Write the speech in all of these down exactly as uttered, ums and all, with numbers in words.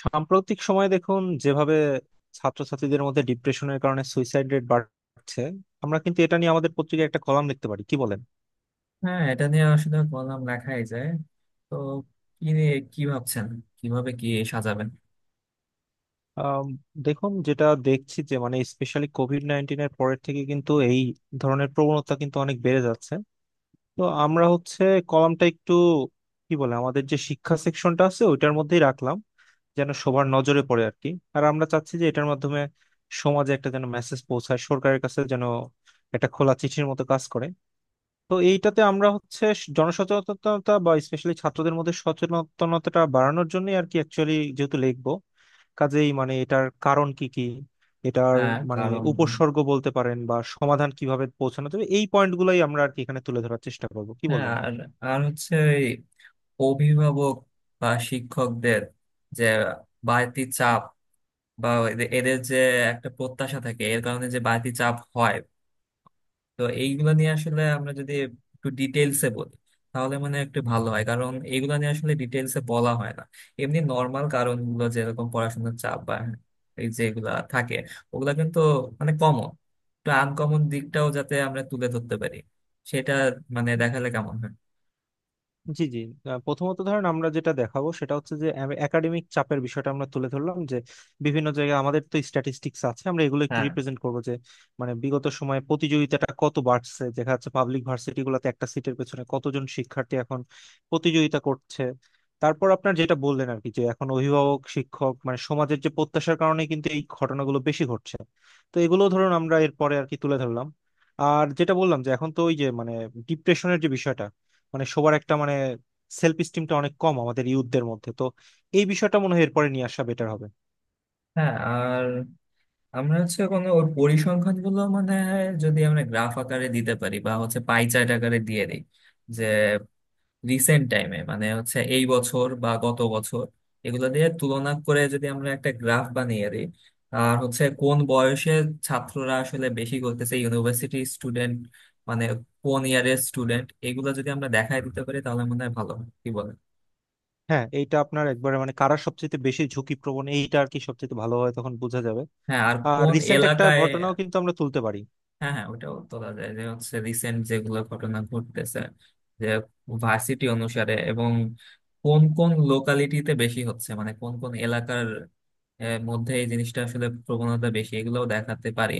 সাম্প্রতিক সময়ে দেখুন যেভাবে ছাত্রছাত্রীদের মধ্যে ডিপ্রেশনের কারণে সুইসাইড রেট বাড়ছে, আমরা কিন্তু এটা নিয়ে আমাদের পত্রিকায় একটা কলাম লিখতে পারি, কি বলেন? হ্যাঁ, এটা নিয়ে আসলে কলাম লেখাই যায়। তো কি নিয়ে কি ভাবছেন? কিভাবে কি সাজাবেন? আম, দেখুন, যেটা দেখছি যে মানে স্পেশালি কোভিড নাইন্টিনের পরের থেকে কিন্তু এই ধরনের প্রবণতা কিন্তু অনেক বেড়ে যাচ্ছে। তো আমরা হচ্ছে কলামটা একটু কি বলে, আমাদের যে শিক্ষা সেকশনটা আছে ওইটার মধ্যেই রাখলাম যেন সবার নজরে পড়ে আর কি। আর আমরা চাচ্ছি যে এটার মাধ্যমে সমাজে একটা যেন মেসেজ পৌঁছায়, সরকারের কাছে যেন একটা খোলা চিঠির মতো কাজ করে। তো এইটাতে আমরা হচ্ছে স- জনসচেতনতা বা স্পেশালি ছাত্রদের মধ্যে সচেতনতাটা বাড়ানোর জন্য আর কি অ্যাকচুয়ালি যেহেতু লিখবো, কাজেই মানে এটার কারণ কি কি, এটার হ্যাঁ, মানে কারণ। উপসর্গ বলতে পারেন বা সমাধান কিভাবে পৌঁছানো যাবে, এই পয়েন্টগুলোই আমরা আর কি এখানে তুলে ধরার চেষ্টা করবো, কি হ্যাঁ। বলেন? আর আর হচ্ছে এই অভিভাবক বা শিক্ষকদের যে বাড়তি চাপ, বা এদে- এদের যে একটা প্রত্যাশা থাকে, এর কারণে যে বাড়তি চাপ হয়। তো এইগুলো নিয়ে আসলে আমরা যদি একটু ডিটেলসে বলি তাহলে মানে একটু ভালো হয়, কারণ এইগুলো নিয়ে আসলে ডিটেলসে বলা হয় না। এমনি নর্মাল কারণগুলো, যেরকম পড়াশোনার চাপ বা এই যেগুলা থাকে, ওগুলা কিন্তু মানে কমন। একটু আনকমন দিকটাও যাতে আমরা তুলে ধরতে পারি, সেটা মানে দেখালে কেমন হয়? জি জি। আহ, প্রথমত ধরেন আমরা যেটা দেখাবো সেটা হচ্ছে যে একাডেমিক চাপের বিষয়টা আমরা তুলে ধরলাম, যে বিভিন্ন জায়গায় আমাদের তো স্ট্যাটিস্টিক্স আছে, আমরা এগুলো একটু হ্যাঁ, রিপ্রেজেন্ট করবো যে মানে বিগত সময়ে প্রতিযোগিতাটা কত বাড়ছে, দেখা যাচ্ছে পাবলিক ভার্সিটি গুলোতে একটা সিটের পেছনে কতজন শিক্ষার্থী এখন প্রতিযোগিতা করছে। তারপর আপনার যেটা বললেন আর কি, যে এখন অভিভাবক শিক্ষক মানে সমাজের যে প্রত্যাশার কারণে কিন্তু এই ঘটনাগুলো বেশি ঘটছে, তো এগুলো ধরুন আমরা এরপরে আর কি তুলে ধরলাম। আর যেটা বললাম যে এখন তো ওই যে মানে ডিপ্রেশনের যে বিষয়টা, মানে সবার একটা মানে সেলফ স্টিমটা অনেক কম আমাদের ইউথদের মধ্যে, তো এই বিষয়টা মনে হয় এরপরে নিয়ে আসা বেটার হবে। হ্যাঁ। আর আমরা হচ্ছে কোনো ওর পরিসংখ্যান গুলো মানে যদি আমরা গ্রাফ আকারে দিতে পারি, বা হচ্ছে পাই চার্ট আকারে দিয়ে দিই, যে রিসেন্ট টাইমে মানে হচ্ছে এই বছর বা গত বছর এগুলো দিয়ে তুলনা করে যদি আমরা একটা গ্রাফ বানিয়ে দিই। আর হচ্ছে কোন বয়সের ছাত্ররা আসলে বেশি করতেছে, ইউনিভার্সিটি স্টুডেন্ট, মানে কোন ইয়ারের স্টুডেন্ট, এগুলো যদি আমরা দেখায় দিতে পারি তাহলে মনে হয় ভালো হয়। কি বলেন? হ্যাঁ, এইটা আপনার একবারে মানে কারা সবচেয়ে বেশি ঝুঁকিপ্রবণ এইটা আর কি সবচেয়ে ভালো হয় তখন বোঝা যাবে। হ্যাঁ, আর আর কোন রিসেন্ট একটা এলাকায়। ঘটনাও কিন্তু আমরা তুলতে পারি। হ্যাঁ, হ্যাঁ, ওটাও তোলা যায়, যে হচ্ছে রিসেন্ট যেগুলো ঘটনা ঘটতেছে, যে ভার্সিটি অনুসারে, এবং কোন কোন লোকালিটিতে বেশি হচ্ছে, মানে কোন কোন এলাকার আহ, মধ্যে এই জিনিসটা আসলে প্রবণতা বেশি, এগুলোও দেখাতে পারি।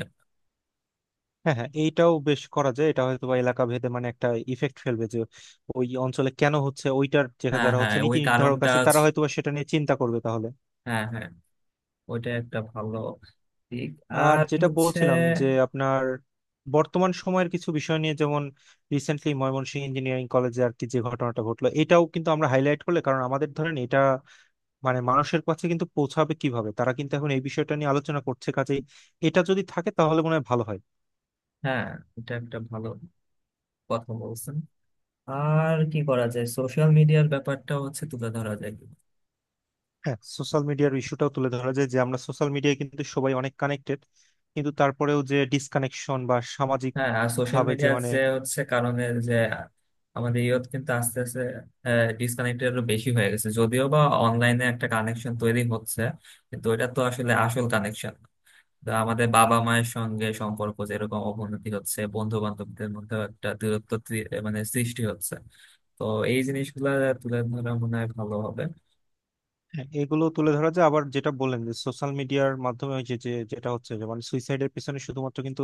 হ্যাঁ হ্যাঁ, এইটাও বেশ করা যায়, এটা হয়তো বা এলাকা ভেদে মানে একটা ইফেক্ট ফেলবে যে ওই অঞ্চলে কেন হচ্ছে, ওইটার যে হ্যাঁ, যারা হ্যাঁ, হচ্ছে ওই নীতি নির্ধারক কারণটা আছে তারা হচ্ছে- হয়তো বা সেটা নিয়ে চিন্তা করবে তাহলে। হ্যাঁ, হ্যাঁ, ওইটা একটা ভালো দিক। আর আর যেটা হচ্ছে। বলছিলাম যে আপনার বর্তমান সময়ের কিছু বিষয় নিয়ে, যেমন রিসেন্টলি ময়মনসিংহ ইঞ্জিনিয়ারিং কলেজে আর কি যে ঘটনাটা ঘটলো, এটাও কিন্তু আমরা হাইলাইট করলে, কারণ আমাদের ধরেন এটা মানে মানুষের কাছে কিন্তু পৌঁছাবে কিভাবে, তারা কিন্তু এখন এই বিষয়টা নিয়ে আলোচনা করছে, কাজেই এটা যদি থাকে তাহলে মনে হয় ভালো হয়। হ্যাঁ, এটা একটা ভালো কথা বলছেন। আর কি করা যায়, সোশ্যাল মিডিয়ার ব্যাপারটা হচ্ছে তুলে ধরা যায়। হ্যাঁ, সোশ্যাল মিডিয়ার ইস্যুটাও তুলে ধরা যায়, যে আমরা সোশ্যাল মিডিয়ায় কিন্তু সবাই অনেক কানেক্টেড, কিন্তু তারপরেও যে ডিসকানেকশন বা সামাজিক হ্যাঁ, আর সোশ্যাল ভাবে যে মিডিয়ার মানে, যে হচ্ছে কারণে যে আমাদের ইয়ত কিন্তু আস্তে আস্তে ডিসকানেক্টেড আরো বেশি হয়ে গেছে, যদিও বা অনলাইনে একটা কানেকশন তৈরি হচ্ছে, কিন্তু এটা তো আসলে আসল কানেকশন। আমাদের বাবা মায়ের সঙ্গে সম্পর্ক যেরকম অবনতি হচ্ছে, বন্ধু বান্ধবদের মধ্যে একটা দূরত্ব তৈ- মানে সৃষ্টি হচ্ছে। তো এই জিনিসগুলো তুলে ধরা মনে হয় ভালো হবে। হ্যাঁ, এগুলো তুলে ধরা যায়। আবার যেটা বললেন যে সোশ্যাল মিডিয়ার মাধ্যমে ওই যে যে যেটা হচ্ছে যে মানে সুইসাইডের পিছনে শুধুমাত্র কিন্তু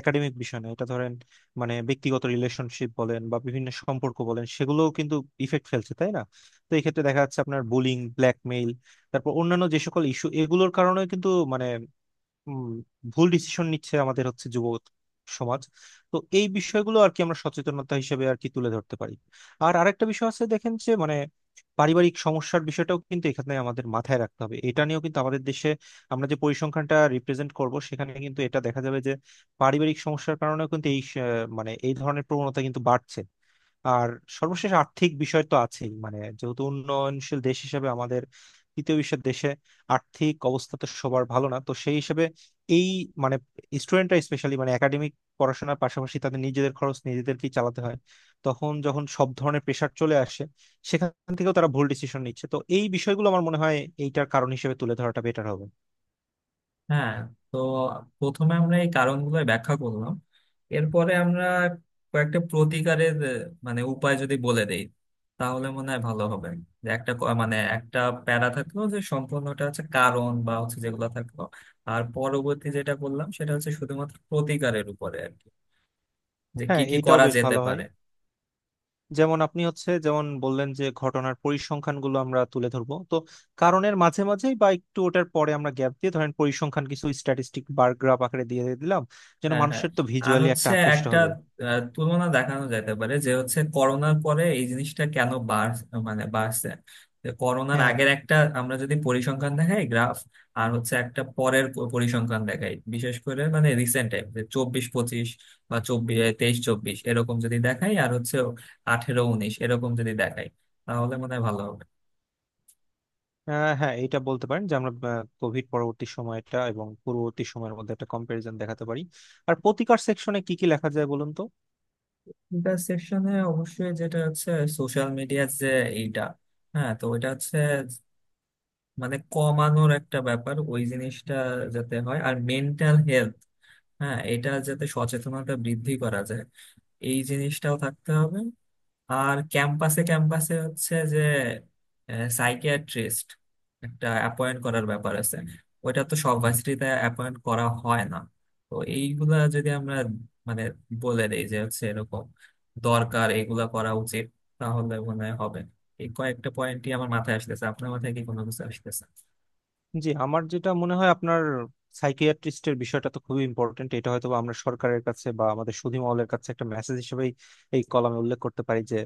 একাডেমিক বিষয় না, এটা ধরেন মানে ব্যক্তিগত রিলেশনশিপ বলেন বা বিভিন্ন সম্পর্ক বলেন সেগুলোও কিন্তু ইফেক্ট ফেলছে তাই না। তো এই ক্ষেত্রে দেখা যাচ্ছে আপনার বুলিং, ব্ল্যাকমেইল, তারপর অন্যান্য যে সকল ইস্যু, এগুলোর কারণে কিন্তু মানে উম, ভুল ডিসিশন নিচ্ছে আমাদের হচ্ছে যুব সমাজ। তো এই বিষয়গুলো আর কি আমরা সচেতনতা হিসেবে আর কি তুলে ধরতে পারি। আর আরেকটা বিষয় আছে দেখেন যে মানে পারিবারিক সমস্যার বিষয়টাও কিন্তু এখানে আমাদের মাথায় রাখতে হবে, এটা নিয়েও কিন্তু আমাদের দেশে আমরা যে পরিসংখ্যানটা রিপ্রেজেন্ট করব সেখানে কিন্তু এটা দেখা যাবে যে পারিবারিক সমস্যার কারণেও কিন্তু এই স- মানে এই ধরনের প্রবণতা কিন্তু বাড়ছে। আর সর্বশেষ আর্থিক বিষয় তো আছেই, মানে যেহেতু উন্নয়নশীল দেশ হিসেবে আমাদের তৃতীয় বিশ্বের দেশে আর্থিক অবস্থা তো সবার ভালো না, তো সেই হিসেবে এই মানে স্টুডেন্টরা স্পেশালি মানে একাডেমিক পড়াশোনার পাশাপাশি তাদের নিজেদের খরচ নিজেদেরকেই চালাতে হয়, তখন যখন সব ধরনের প্রেশার চলে আসে সেখান থেকেও তারা ভুল ডিসিশন নিচ্ছে, তো এই বিষয়গুলো আমার মনে হয় এইটার কারণ হিসেবে তুলে ধরাটা বেটার হবে। হ্যাঁ। তো প্রথমে আমরা এই কারণগুলো ব্যাখ্যা করলাম। এরপরে আমরা কয়েকটা প্রতিকারের আহ, মানে উপায় যদি বলে দেই তাহলে মনে হয় ভালো হবে। যে একটা ক- মানে একটা প্যারা থাকলো যে সম্পূর্ণটা হচ্ছে কারণ বা হচ্ছে যেগুলো থাকলো। আর পরবর্তী যেটা বললাম সেটা হচ্ছে শুধুমাত্র প্রতিকারের উপরে আর কি, যে কি হ্যাঁ কি এইটাও করা বেশ যেতে ভালো হয়। পারে। যেমন আপনি হচ্ছে যেমন বললেন যে ঘটনার পরিসংখ্যানগুলো আমরা তুলে ধরবো, তো কারণের মাঝে মাঝেই বা একটু ওটার পরে আমরা গ্যাপ দিয়ে ধরেন পরিসংখ্যান কিছু স্ট্যাটিস্টিক বার গ্রাফ আকারে দিয়ে দিলাম যেন হ্যাঁ, হ্যাঁ। মানুষের তো আর ভিজুয়ালি একটা হচ্ছে আকৃষ্ট একটা হবে। আহ, তুলনা দেখানো যেতে পারে, যে হচ্ছে করোনার পরে এই জিনিসটা কেন বাড় মানে বাড়ছে। যে করোনার হ্যাঁ হ্যাঁ। আগের একটা আমরা যদি পরিসংখ্যান দেখাই গ্রাফ, আর হচ্ছে একটা পরের প- পরিসংখ্যান দেখাই, বিশেষ করে মানে রিসেন্ট টাইম, যে চব্বিশ পঁচিশ বা চব্বিশ তেইশ চব্বিশ এরকম যদি দেখাই, আর হচ্ছে আঠেরো উনিশ এরকম যদি দেখাই, তাহলে মনে হয় ভালো হবে। আহ, হ্যাঁ, এটা বলতে পারেন যে আমরা কোভিড পরবর্তী সময়টা এবং পূর্ববর্তী সময়ের মধ্যে একটা কম্পারিজন দেখাতে পারি। আর প্রতিকার সেকশনে কি কি লেখা যায় বলুন তো। ইন্টারসেকশনে অবশ্যই যেটা হচ্ছে সোশ্যাল মিডিয়ার, যে এইটা। হ্যাঁ, তো ওইটা হচ্ছে মানে কমানোর একটা ব্যাপার, ওই জিনিসটা যাতে হয়। আর মেন্টাল হেলথ। হ্যাঁ, এটা যাতে সচেতনতা বৃদ্ধি করা যায়, এই জিনিসটাও থাকতে হবে। আর ক্যাম্পাসে ক্যাম্পাসে হচ্ছে যে সাইকিয়াট্রিস্ট একটা অ্যাপয়েন্ট করার ব্যাপার আছে। ওইটা তো সব ভার্সিটিতে অ্যাপয়েন্ট করা হয় না। তো এইগুলা যদি আমরা মানে বলে দেই যে হচ্ছে এরকম দরকার, এগুলা করা উচিত, তাহলে মনে হয় হবে। এই কয়েকটা পয়েন্টই আমার মাথায় আসতেছে। আপনার মাথায় কি কোনো কিছু আসতেছে? জি, আমার যেটা মনে হয় আপনার সাইকিয়াট্রিস্টের বিষয়টা তো খুবই ইম্পর্টেন্ট, এটা হয়তো বা আমরা সরকারের কাছে বা আমাদের সুধী মহলের কাছে একটা মেসেজ হিসেবেই এই কলামে উল্লেখ করতে পারি যে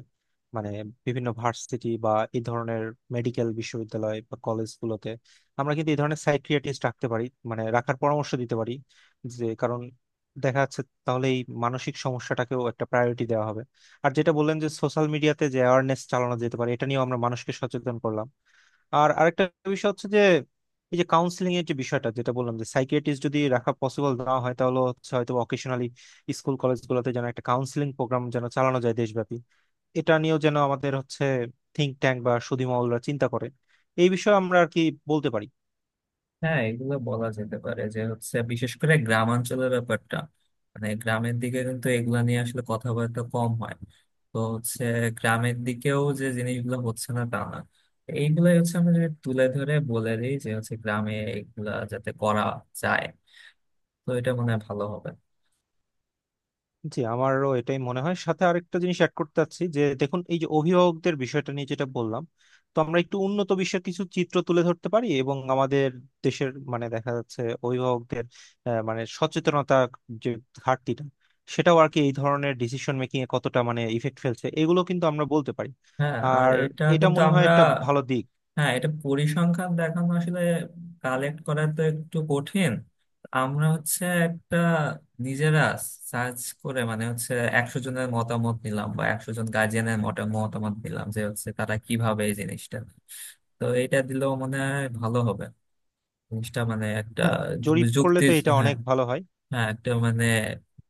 মানে বিভিন্ন ভার্সিটি বা এই ধরনের মেডিকেল বিশ্ববিদ্যালয় বা কলেজগুলোতে আমরা কিন্তু এই ধরনের সাইকিয়াট্রিস্ট রাখতে পারি, মানে রাখার পরামর্শ দিতে পারি, যে কারণ দেখা যাচ্ছে তাহলে এই মানসিক সমস্যাটাকেও একটা প্রায়োরিটি দেওয়া হবে। আর যেটা বললেন যে সোশ্যাল মিডিয়াতে যে অ্যাওয়ারনেস চালানো যেতে পারে, এটা নিয়েও আমরা মানুষকে সচেতন করলাম। আর আরেকটা বিষয় হচ্ছে যে এই যে কাউন্সিলিং এর যে বিষয়টা, যেটা বললাম যে সাইকিয়াট্রিস্ট যদি রাখা পসিবল না হয় তাহলে হচ্ছে হয়তো অকেশনালি স্কুল কলেজগুলোতে যেন একটা কাউন্সিলিং প্রোগ্রাম যেন চালানো যায় দেশব্যাপী, এটা নিয়েও যেন আমাদের হচ্ছে থিঙ্ক ট্যাঙ্ক বা সুধী মহলরা চিন্তা করে, এই বিষয়ে আমরা আর কি বলতে পারি। হ্যাঁ, এগুলো বলা যেতে পারে, যে হচ্ছে বিশেষ করে গ্রামাঞ্চলের ব্যাপারটা, মানে গ্রামের দিকে কিন্তু এগুলা নিয়ে আসলে কথাবার্তা কম হয়। তো হচ্ছে গ্রামের দিকেও যে জিনিসগুলো হচ্ছে না তা না, এইগুলাই হচ্ছে। আমরা যদি তুলে ধরে বলে দিই যে হচ্ছে গ্রামে এগুলা যাতে করা যায়, তো এটা মনে হয় ভালো হবে। জি আমারও এটাই মনে হয়। সাথে আরেকটা জিনিস অ্যাড করতে চাচ্ছি যে দেখুন এই যে অভিভাবকদের বিষয়টা নিয়ে যেটা বললাম, তো আমরা একটু উন্নত বিশ্বের কিছু চিত্র তুলে ধরতে পারি এবং আমাদের দেশের মানে দেখা যাচ্ছে অভিভাবকদের আহ, মানে সচেতনতা যে ঘাটতিটা, সেটাও আর কি এই ধরনের ডিসিশন মেকিং এ কতটা মানে ইফেক্ট ফেলছে এগুলো কিন্তু আমরা বলতে পারি। হ্যাঁ, আর আর এটা এটা কিন্তু মনে হয় আমরা। একটা ভালো দিক। হ্যাঁ, এটা পরিসংখ্যান দেখানো আসলে কালেক্ট করা তো একটু কঠিন। আমরা হচ্ছে একটা নিজেরা সার্চ করে মানে হচ্ছে একশো জনের মতামত নিলাম, বা একশো জন গার্জিয়ানের মতামত নিলাম, যে হচ্ছে তারা কিভাবে এই জিনিসটা। তো এটা দিলেও মনে হয় ভালো হবে, জিনিসটা মানে একটা হ্যাঁ, জরিপ করলে যুক্তি। তো এটা হ্যাঁ, অনেক ভালো হয়। হ্যাঁ, একটা মানে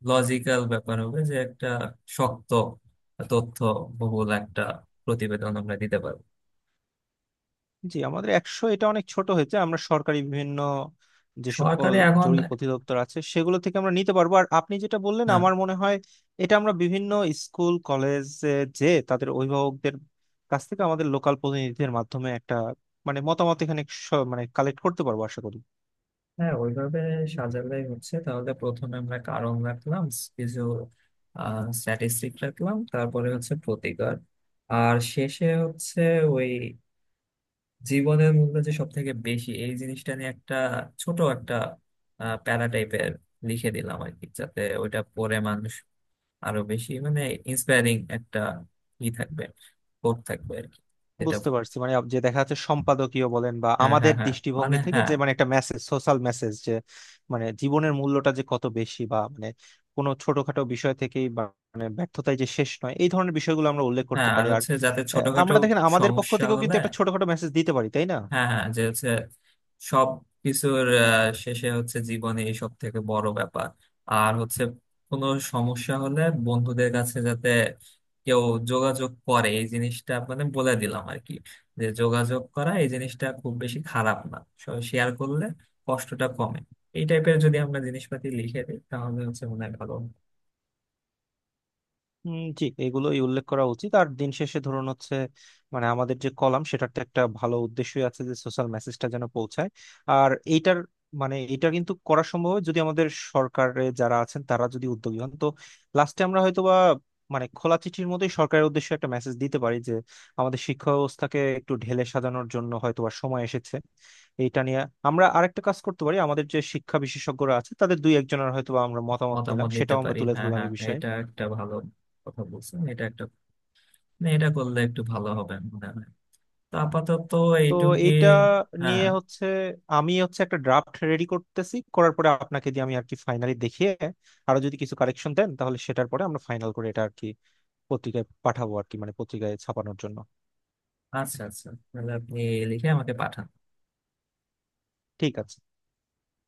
লজিক্যাল ব্যাপার হবে, যে একটা শক্ত তথ্য বহুল একটা প্রতিবেদন আমরা দিতে পারবো। জি আমাদের একশো এটা অনেক ছোট হয়েছে, আমরা সরকারি বিভিন্ন যে সকল সরকারি এখন। জরুরি অধিদপ্তর আছে সেগুলো থেকে আমরা নিতে পারবো। আর আপনি যেটা বললেন, হ্যাঁ, আমার মনে হয় এটা আমরা বিভিন্ন স্কুল কলেজে যে তাদের অভিভাবকদের কাছ থেকে আমাদের লোকাল প্রতিনিধিদের মাধ্যমে একটা মানে মতামত এখানে স- মানে কালেক্ট করতে পারবো আশা করি। হ্যাঁ, ওইভাবে সাজালেই হচ্ছে। তাহলে প্রথমে আমরা কারণ রাখলাম, কিছু স্ট্যাটিস্টিক রাখলাম, তারপরে হচ্ছে প্রতিকার, আর শেষে হচ্ছে ওই জীবনের মূল্য যে সব থেকে বেশি, এই জিনিসটা নিয়ে একটা ছোট একটা প্যারা টাইপের লিখে দিলাম আর কি, যাতে ওইটা পড়ে মানুষ আরো বেশি মানে ইন্সপায়ারিং একটা ই থাকবে, কোট থাকবে আর কি, এটা। বুঝতে পারছি, মানে যে দেখা যাচ্ছে সম্পাদকীয় বলেন বা হ্যাঁ, হ্যাঁ, আমাদের হ্যাঁ, মানে দৃষ্টিভঙ্গি থেকে হ্যাঁ। যে মানে একটা মেসেজ সোশ্যাল মেসেজ যে মানে জীবনের মূল্যটা যে কত বেশি, বা মানে কোনো ছোটখাটো বিষয় থেকেই বা মানে ব্যর্থতায় যে শেষ নয়, এই ধরনের বিষয়গুলো আমরা উল্লেখ করতে হ্যাঁ, আর পারি। আর হচ্ছে যাতে আহ, ছোটখাটো আমরা দেখেন আমাদের পক্ষ সমস্যা থেকেও হলে। কিন্তু একটা ছোটখাটো মেসেজ দিতে পারি তাই না। হ্যাঁ, হ্যাঁ, যে হচ্ছে সব কিছুর আহ, শেষে হচ্ছে জীবনে এই সব থেকে বড় ব্যাপার। আর হচ্ছে কোনো সমস্যা হলে বন্ধুদের কাছে যাতে কেউ যোগাযোগ করে, এই জিনিসটা মানে বলে দিলাম আর কি, যে যোগাযোগ করা এই জিনিসটা খুব বেশি খারাপ না। শেয়ার করলে কষ্টটা কমে। এই টাইপের যদি আমরা জিনিসপাতি লিখে দিই তাহলে হচ্ছে মনে হয় ভালো। হুম, জি এগুলোই উল্লেখ করা উচিত। আর দিন শেষে ধরুন হচ্ছে মানে আমাদের যে কলাম সেটার তো একটা ভালো উদ্দেশ্যই আছে যে সোশ্যাল মেসেজটা যেন পৌঁছায়, আর এইটার মানে এটা কিন্তু করা সম্ভব হয় যদি আমাদের সরকারে যারা আছেন তারা যদি উদ্যোগী হন, তো লাস্টে আমরা হয়তো বা মানে খোলা চিঠির মতোই সরকারের উদ্দেশ্যে একটা মেসেজ দিতে পারি যে আমাদের শিক্ষা ব্যবস্থাকে একটু ঢেলে সাজানোর জন্য হয়তো বা সময় এসেছে। এইটা নিয়ে আমরা আরেকটা কাজ করতে পারি, আমাদের যে শিক্ষা বিশেষজ্ঞরা আছে তাদের দুই একজনের হয়তো বা আমরা মতামত নিলাম, মতামত নিতে সেটাও আমরা পারি, তুলে হ্যাঁ, ধরলাম হ্যাঁ, এই বিষয়ে। এটা একটা ভালো কথা বলছেন। এটা একটা, না, এটা করলে একটু ভালো হবে মনে হয়। তো আপাতত তো এইটুকুই। এইটা হ্যাঁ, নিয়ে হচ্ছে আমি হচ্ছে একটা ড্রাফট রেডি করতেছি, করার পরে আপনাকে দিয়ে আমি আর কি ফাইনালি দেখিয়ে আরো যদি কিছু কারেকশন দেন তাহলে সেটার পরে আমরা ফাইনাল করে এটা আর কি পত্রিকায় পাঠাবো আর কি, মানে পত্রিকায় ছাপানোর জন্য। আচ্ছা, আচ্ছা, তাহলে আপনি লিখে আমাকে পাঠান। ঠিক আছে।